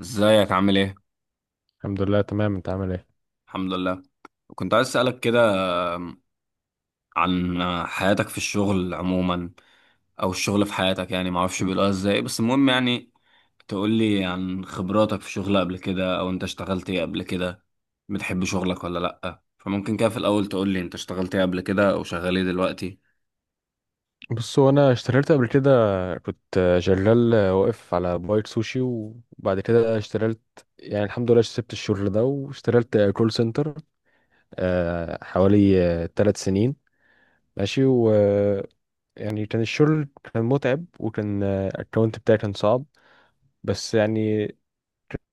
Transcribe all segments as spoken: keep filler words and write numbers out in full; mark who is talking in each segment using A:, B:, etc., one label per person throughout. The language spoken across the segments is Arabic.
A: ازيك عامل ايه؟
B: الحمد لله تمام. انت عامل ايه؟
A: الحمد لله. كنت عايز اسألك كده عن حياتك في الشغل عموما، او الشغل في حياتك، يعني معرفش بيقولوها ازاي، بس المهم، يعني تقول لي عن خبراتك في شغل قبل كده، او انت اشتغلت ايه قبل كده، بتحب شغلك ولا لأ. فممكن كده في الاول تقول لي انت اشتغلت ايه قبل كده او شغال ايه دلوقتي.
B: بص، هو انا اشتغلت قبل كده، كنت شغال واقف على بايت سوشي وبعد كده اشتغلت، يعني الحمد لله سبت الشغل ده واشتغلت كول سنتر آه، حوالي ثلاث سنين. ماشي، و يعني كان الشغل كان متعب وكان الاكونت بتاعي كان صعب، بس يعني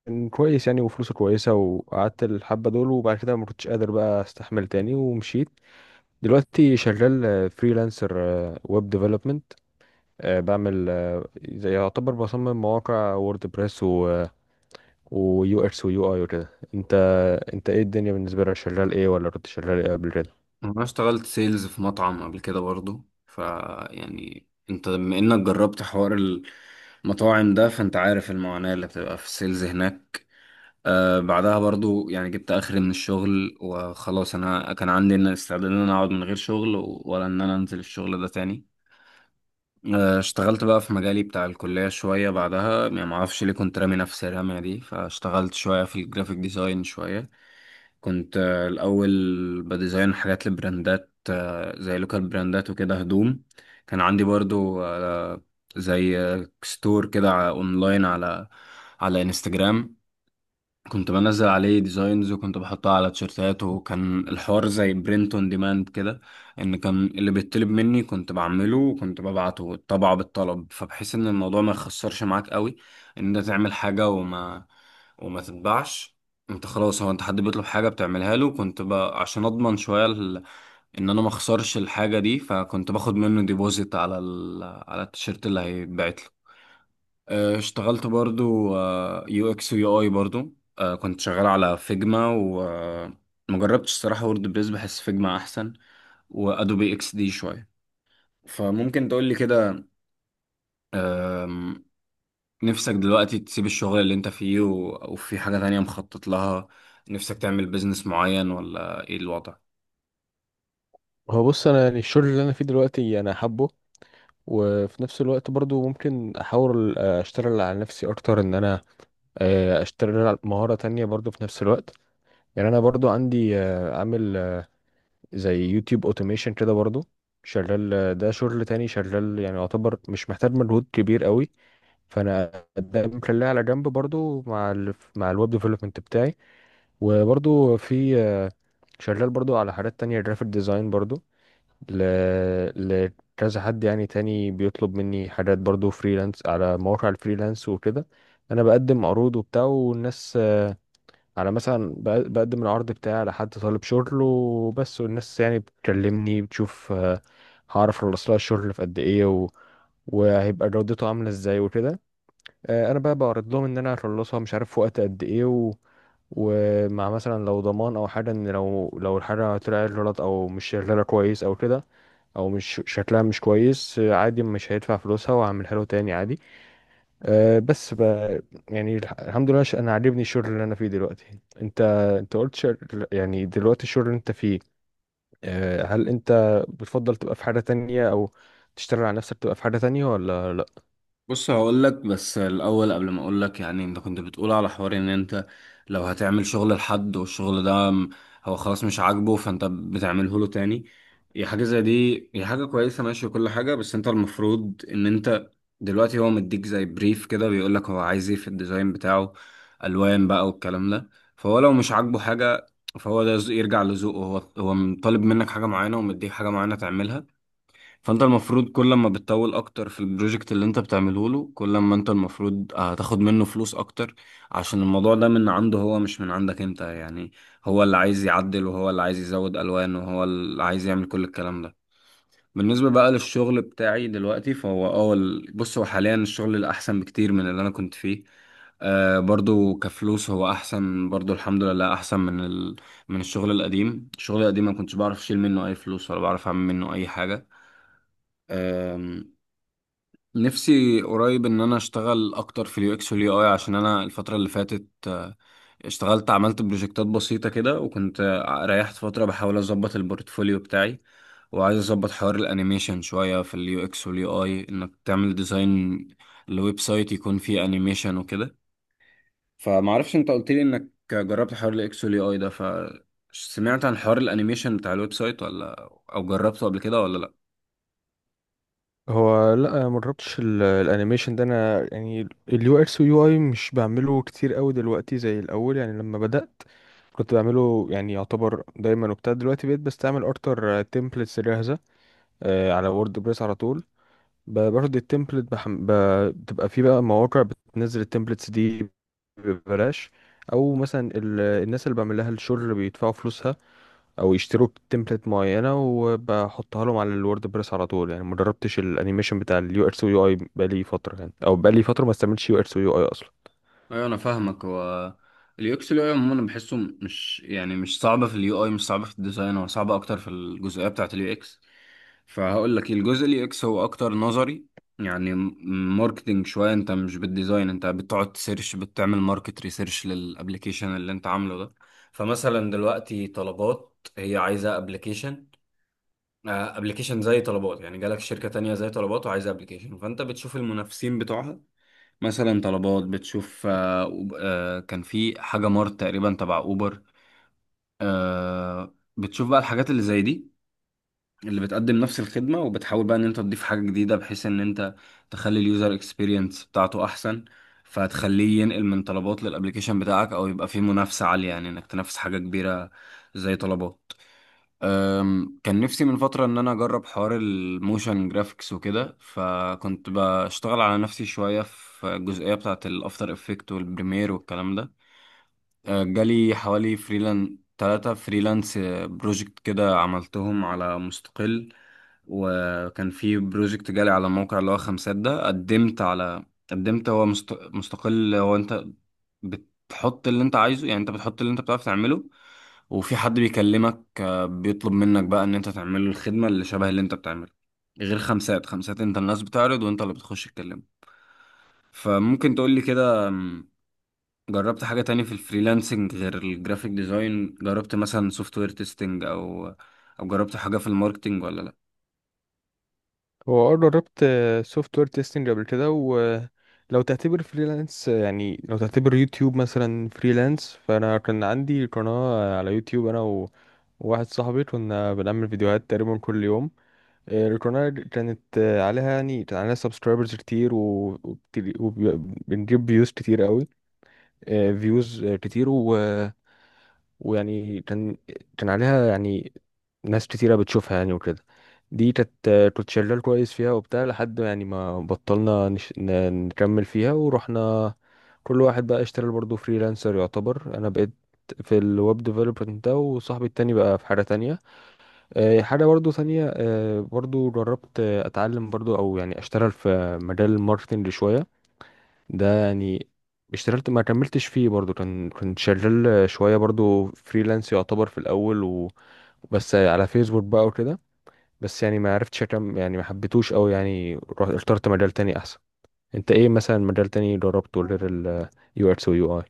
B: كان كويس يعني وفلوسه كويسة، وقعدت الحبة دول وبعد كده ما كنتش قادر بقى استحمل تاني ومشيت. دلوقتي شغال فريلانسر، ويب ديفلوبمنت. آه، بعمل آه، زي يعتبر بصمم مواقع ووردبريس و ويو اكس ويو اي وكده. انت انت ايه الدنيا بالنسبه لك؟ شغال ايه ولا كنت شغال ايه قبل كده؟
A: انا اشتغلت سيلز في مطعم قبل كده برضو. ف يعني انت بما انك جربت حوار المطاعم ده، فانت عارف المعاناة اللي بتبقى في السيلز هناك. آه بعدها برضو يعني جبت اخري من الشغل وخلاص. انا كان عندي إن استعداد ان انا اقعد من غير شغل و- ولا ان انا انزل الشغل ده تاني. آه اشتغلت بقى في مجالي بتاع الكلية شوية بعدها. يعني معرفش ليه كنت رامي نفسي الرمية دي، فاشتغلت شوية في الجرافيك ديزاين شوية. كنت آه الاول بديزاين حاجات لبراندات، آه زي لوكال براندات وكده، هدوم. كان عندي برضو آه زي آه، ستور كده ع- اونلاين، على على انستجرام. كنت بنزل عليه ديزاينز، وكنت بحطها على تيشيرتات، وكان الحوار زي برنت اون ديماند كده. ان كان اللي بيطلب مني كنت بعمله، وكنت ببعته طبعه بالطلب، فبحيث ان الموضوع ما يخسرش معاك قوي، ان انت تعمل حاجة وما وما تتباعش. انت خلاص، هو انت حد بيطلب حاجة بتعملها له، كنت ب... عشان اضمن شوية ال... ان انا ما اخسرش الحاجة دي، فكنت باخد منه ديبوزيت على ال... على التيشيرت اللي هيتبعت له. آه، اشتغلت برضو يو اكس ويو اي برضو. آه، كنت شغال على فيجما، وما جربتش الصراحة وورد بريس، بحس فيجما احسن، وادوبي اكس دي شوية. فممكن تقول لي كده، آم، نفسك دلوقتي تسيب الشغل اللي انت فيه و- وفي حاجة تانية مخطط لها؟ نفسك تعمل بيزنس معين، ولا ايه الوضع؟
B: هو بص، انا يعني الشغل اللي انا فيه دلوقتي انا حابه، وفي نفس الوقت برضو ممكن احاول آه، اشتغل على نفسي اكتر، ان انا آه، اشتغل على مهارة تانية برضو في نفس الوقت. يعني انا برضو عندي آه، عامل آه، زي يوتيوب اوتوميشن كده برضو، شغال آه، ده شغل تاني، شغال يعني يعتبر مش محتاج مجهود كبير قوي، فانا ده مخليها على جنب برضو مع ال مع الويب ديفلوبمنت بتاعي. وبرضو في، شغال برضو على حاجات تانية جرافيك ديزاين برضو. ل... لكذا حد يعني تاني بيطلب مني حاجات برضو فريلانس على مواقع الفريلانس وكده. انا بقدم عروض وبتاع، والناس آه، على مثلا بق- بقدم العرض بتاعي على حد طالب شغل وبس، والناس يعني بتكلمني بتشوف آه، هعرف اخلص لها الشغل في قد ايه و... وهيبقى جودته عاملة ازاي وكده. آه، انا بقى بعرض لهم ان انا هخلصها مش عارف في وقت قد ايه و... ومع مثلا لو ضمان او حاجه، ان لو لو الحاجه طلعت غلط او مش شغاله كويس او كده، او مش شكلها مش كويس، آه، عادي مش هيدفع فلوسها وهعملها له تاني عادي. أه بس ب... يعني الح- الحمد لله، ش- انا عاجبني الشغل اللي انا فيه دلوقتي. انت انت قلت شغل... يعني دلوقتي الشغل اللي انت فيه، أه، هل انت بتفضل تبقى في حاجه تانية، او تشتغل على نفسك تبقى في حاجه تانية ولا لا؟
A: بص هقول لك، بس الاول قبل ما اقول لك، يعني انت كنت بتقول على حوار ان انت لو هتعمل شغل لحد والشغل ده م- هو خلاص مش عاجبه، فانت بتعمله له تاني. هي حاجه زي دي، هي حاجه كويسه ماشي وكل حاجه، بس انت المفروض ان انت دلوقتي، هو مديك زي بريف كده بيقول لك هو عايز ايه في الديزاين بتاعه، الوان بقى والكلام ده. فهو لو مش عاجبه حاجه، فهو ده يرجع لذوقه هو. هو طالب منك حاجه معينه ومديك حاجه معينه تعملها. فانت المفروض كل ما بتطول اكتر في البروجكت اللي انت بتعمله له، كل ما انت المفروض آه، هتاخد منه فلوس اكتر، عشان الموضوع ده من عنده هو مش من عندك انت. يعني هو اللي عايز يعدل، وهو اللي عايز يزود الوان، وهو اللي عايز يعمل كل الكلام ده. بالنسبة بقى للشغل بتاعي دلوقتي، فهو اه ال- بص هو حاليا الشغل الأحسن بكتير من اللي أنا كنت فيه. آه برضو كفلوس هو أحسن برضو، الحمد لله، أحسن من ال... من الشغل القديم. الشغل القديم ما كنتش بعرف أشيل منه أي فلوس، ولا بعرف أعمل منه أي حاجة. نفسي قريب ان انا اشتغل اكتر في اليو اكس واليو اي، عشان انا الفتره اللي فاتت آه، اشتغلت، عملت بروجكتات بسيطه كده، وكنت آه، ريحت فتره بحاول اظبط البورتفوليو بتاعي. وعايز اظبط حوار الانيميشن شويه في اليو اكس واليو اي، انك تعمل ديزاين لويب سايت يكون فيه انيميشن وكده. فما اعرفش، انت قلت لي انك جربت حوار الاكس واليو اي ده، فسمعت عن حوار الانيميشن بتاع الويب سايت ولا؟ او جربته قبل كده ولا؟
B: هو لا، ما جربتش ال- الانيميشن ده. انا يعني اليو اكس واليو اي مش بعمله كتير قوي دلوقتي زي الاول، يعني لما بدأت كنت بعمله يعني يعتبر دايما وبتاع، دلوقتي بقيت بستعمل اكتر تمبلتس جاهزة آه، على ووردبريس على طول. ب- باخد التمبلت بحم... ب... بتبقى في بقى مواقع بتنزل التمبلتس دي ببلاش، او مثلا ال... الناس اللي بعمل لها الشغل بيدفعوا فلوسها او يشتروا تمبلت معينه وبحطها لهم على الورد بريس على طول. يعني ما جربتش الانيميشن بتاع اليو اكس ويو اي بقالي فتره، يعني او بقالي فتره ما استعملتش يو اكس ويو اي اصلا.
A: ايوه، انا فاهمك. هو اليو اكس اليو اي عموما بحسه مش، يعني مش صعبه في اليو اي، مش صعبه في الديزاين، هو صعبه اكتر في الجزئيه بتاعه اليو اكس. فهقول لك، الجزء اليو اكس هو اكتر نظري، يعني م- ماركتينج شويه، انت مش بالديزاين، انت بتقعد تسيرش بتعمل ماركت ريسيرش للابليكيشن اللي انت عامله ده. فمثلا دلوقتي طلبات هي عايزه ابلكيشن، ابلكيشن زي طلبات، يعني جالك شركه تانية زي طلبات وعايزه ابلكيشن، فانت بتشوف المنافسين بتوعها. مثلا طلبات، بتشوف آه، أوب- آه، كان في حاجة مارت تقريبا تبع أوبر، آه، بتشوف بقى الحاجات اللي زي دي، اللي بتقدم نفس الخدمة، وبتحاول بقى إن أنت تضيف حاجة جديدة بحيث إن أنت تخلي اليوزر اكسبيرينس بتاعته أحسن. فهتخليه ينقل من طلبات للأبليكيشن بتاعك، أو يبقى فيه منافسة عالية، يعني إنك تنافس حاجة كبيرة زي طلبات. أم، كان نفسي من فترة إن أنا أجرب حوار الموشن جرافيكس وكده، فكنت بشتغل على نفسي شوية في الجزئية بتاعة الأفتر إفكت والبريمير والكلام ده. آه، جالي حوالي فريلان تلاتة فريلانس بروجكت كده، عملتهم على مستقل. وكان في بروجكت جالي على موقع اللي هو خمسات ده، قدمت على قدمت، هو مست... مستقل، هو انت بتحط اللي انت عايزه، يعني انت بتحط اللي انت بتعرف تعمله. وفي حد بيكلمك آه، بيطلب منك بقى ان انت تعمله الخدمة اللي شبه اللي انت بتعمله. غير خمسات. خمسات انت الناس بتعرض، وانت اللي بتخش تكلمه. فممكن تقولي كده، جربت حاجة تانية في الفريلانسنج غير الجرافيك ديزاين؟ جربت مثلا سوفت وير تيستنج، أو أو جربت حاجة في الماركتينج ولا لأ؟
B: هو اه، جربت سوفت وير تيستنج قبل كده. ولو تعتبر فريلانس، يعني لو تعتبر يوتيوب مثلا فريلانس، فانا كان عندي قناة على يوتيوب انا و- وواحد صاحبي، كنا بنعمل فيديوهات تقريبا كل يوم. آه، القناة كانت آه، عليها يعني كان عليها سبسكرايبرز كتير و- وبتل- وبنجيب فيوز كتير قوي، فيوز كتير و... ويعني كان كان عليها يعني ناس كتيرة بتشوفها يعني وكده. دي كانت آه، كنت شغال كويس فيها وبتاع، لحد يعني ما بطلنا نش... ن- نكمل فيها ورحنا كل واحد بقى اشتغل برضه فريلانسر يعتبر. انا بقيت في الويب ديفلوبمنت ده، وصاحبي التاني بقى في حاجة تانية آه، حاجة برضه تانية. آه، برضه جربت آه، اتعلم برضه او يعني اشتغل في مجال الماركتنج شوية، ده يعني اشتغلت ما كملتش فيه برضو، كان كنت شغال شوية برضو فريلانس يعتبر في الأول و... بس على فيسبوك بقى وكده. بس يعني ما عرفتش أكمل، يعني ما حبيتوش أوي، يعني رحت- اخترت مجال تاني أحسن. أنت إيه مثلا مجال تاني جربته غير ال U X و U I؟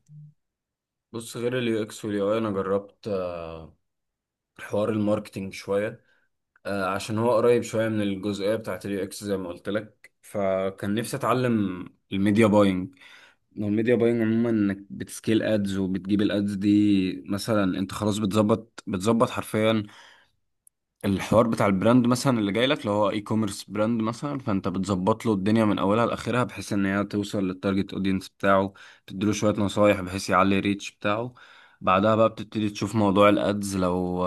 A: بص، غير اليو اكس واليو اي انا جربت آه، حوار الماركتينج شويه. آه، عشان هو قريب شويه من الجزئيه بتاعت اليو اكس زي ما قلت لك، فكان نفسي اتعلم الميديا باينج. الميديا باينج عموما انك بتسكيل ادز، وبتجيب الادز دي، مثلا انت خلاص بتظبط بتظبط حرفيا الحوار بتاع البراند، مثلا اللي جاي لك اللي هو اي كوميرس براند، مثلا فانت بتظبط له الدنيا من اولها لاخرها، بحيث ان هي توصل للتارجت اودينس بتاعه. تديله شويه نصايح بحيث يعلي الريتش بتاعه. بعدها بقى بتبتدي تشوف موضوع الادز. لو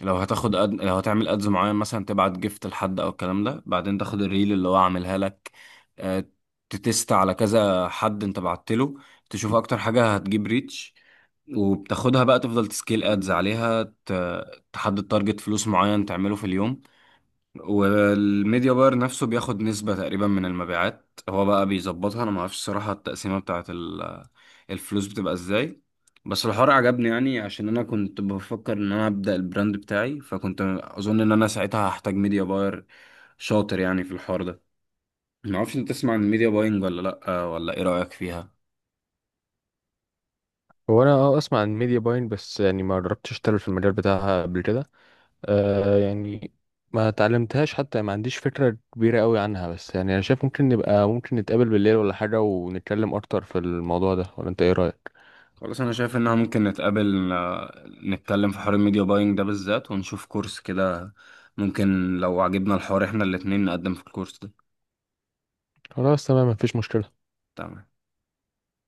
A: لو هتاخد أد... لو هتعمل ادز معين، مثلا تبعت جيفت لحد او الكلام ده، بعدين تاخد الريل اللي هو عاملها لك، آه، تتست على كذا حد انت بعت له، تشوف اكتر حاجه هتجيب ريتش، وبتاخدها بقى تفضل تسكيل ادز عليها. تحدد تارجت فلوس معين تعمله في اليوم. والميديا باير نفسه بياخد نسبة تقريبا من المبيعات، هو بقى بيظبطها، انا ما اعرفش الصراحة التقسيمة بتاعه ال- الفلوس بتبقى ازاي. بس الحوار عجبني، يعني عشان انا كنت بفكر ان انا ابدأ البراند بتاعي، فكنت اظن ان انا ساعتها هحتاج ميديا باير شاطر، يعني في الحوار ده. ما اعرفش، انت تسمع عن الميديا باينج ولا لا؟ ولا ايه رأيك فيها؟
B: هو أنا أه أسمع عن ميديا باين، بس يعني ما جربتش أشتغل في المجال بتاعها قبل كده. آه يعني ما تعلمتهاش حتى، ما عنديش فكرة كبيرة قوي عنها. بس يعني انا شايف ممكن نبقى، ممكن نتقابل بالليل ولا حاجة ونتكلم اكتر في الموضوع ده، ولا انت ايه رأيك؟
A: خلاص، انا شايف انها ممكن نتقابل آه، نتكلم في حوار الميديا باينج ده بالذات، ونشوف كورس كده. ممكن لو عجبنا الحوار احنا الاتنين نقدم في الكورس ده.
B: خلاص تمام، مفيش مشكلة.
A: تمام.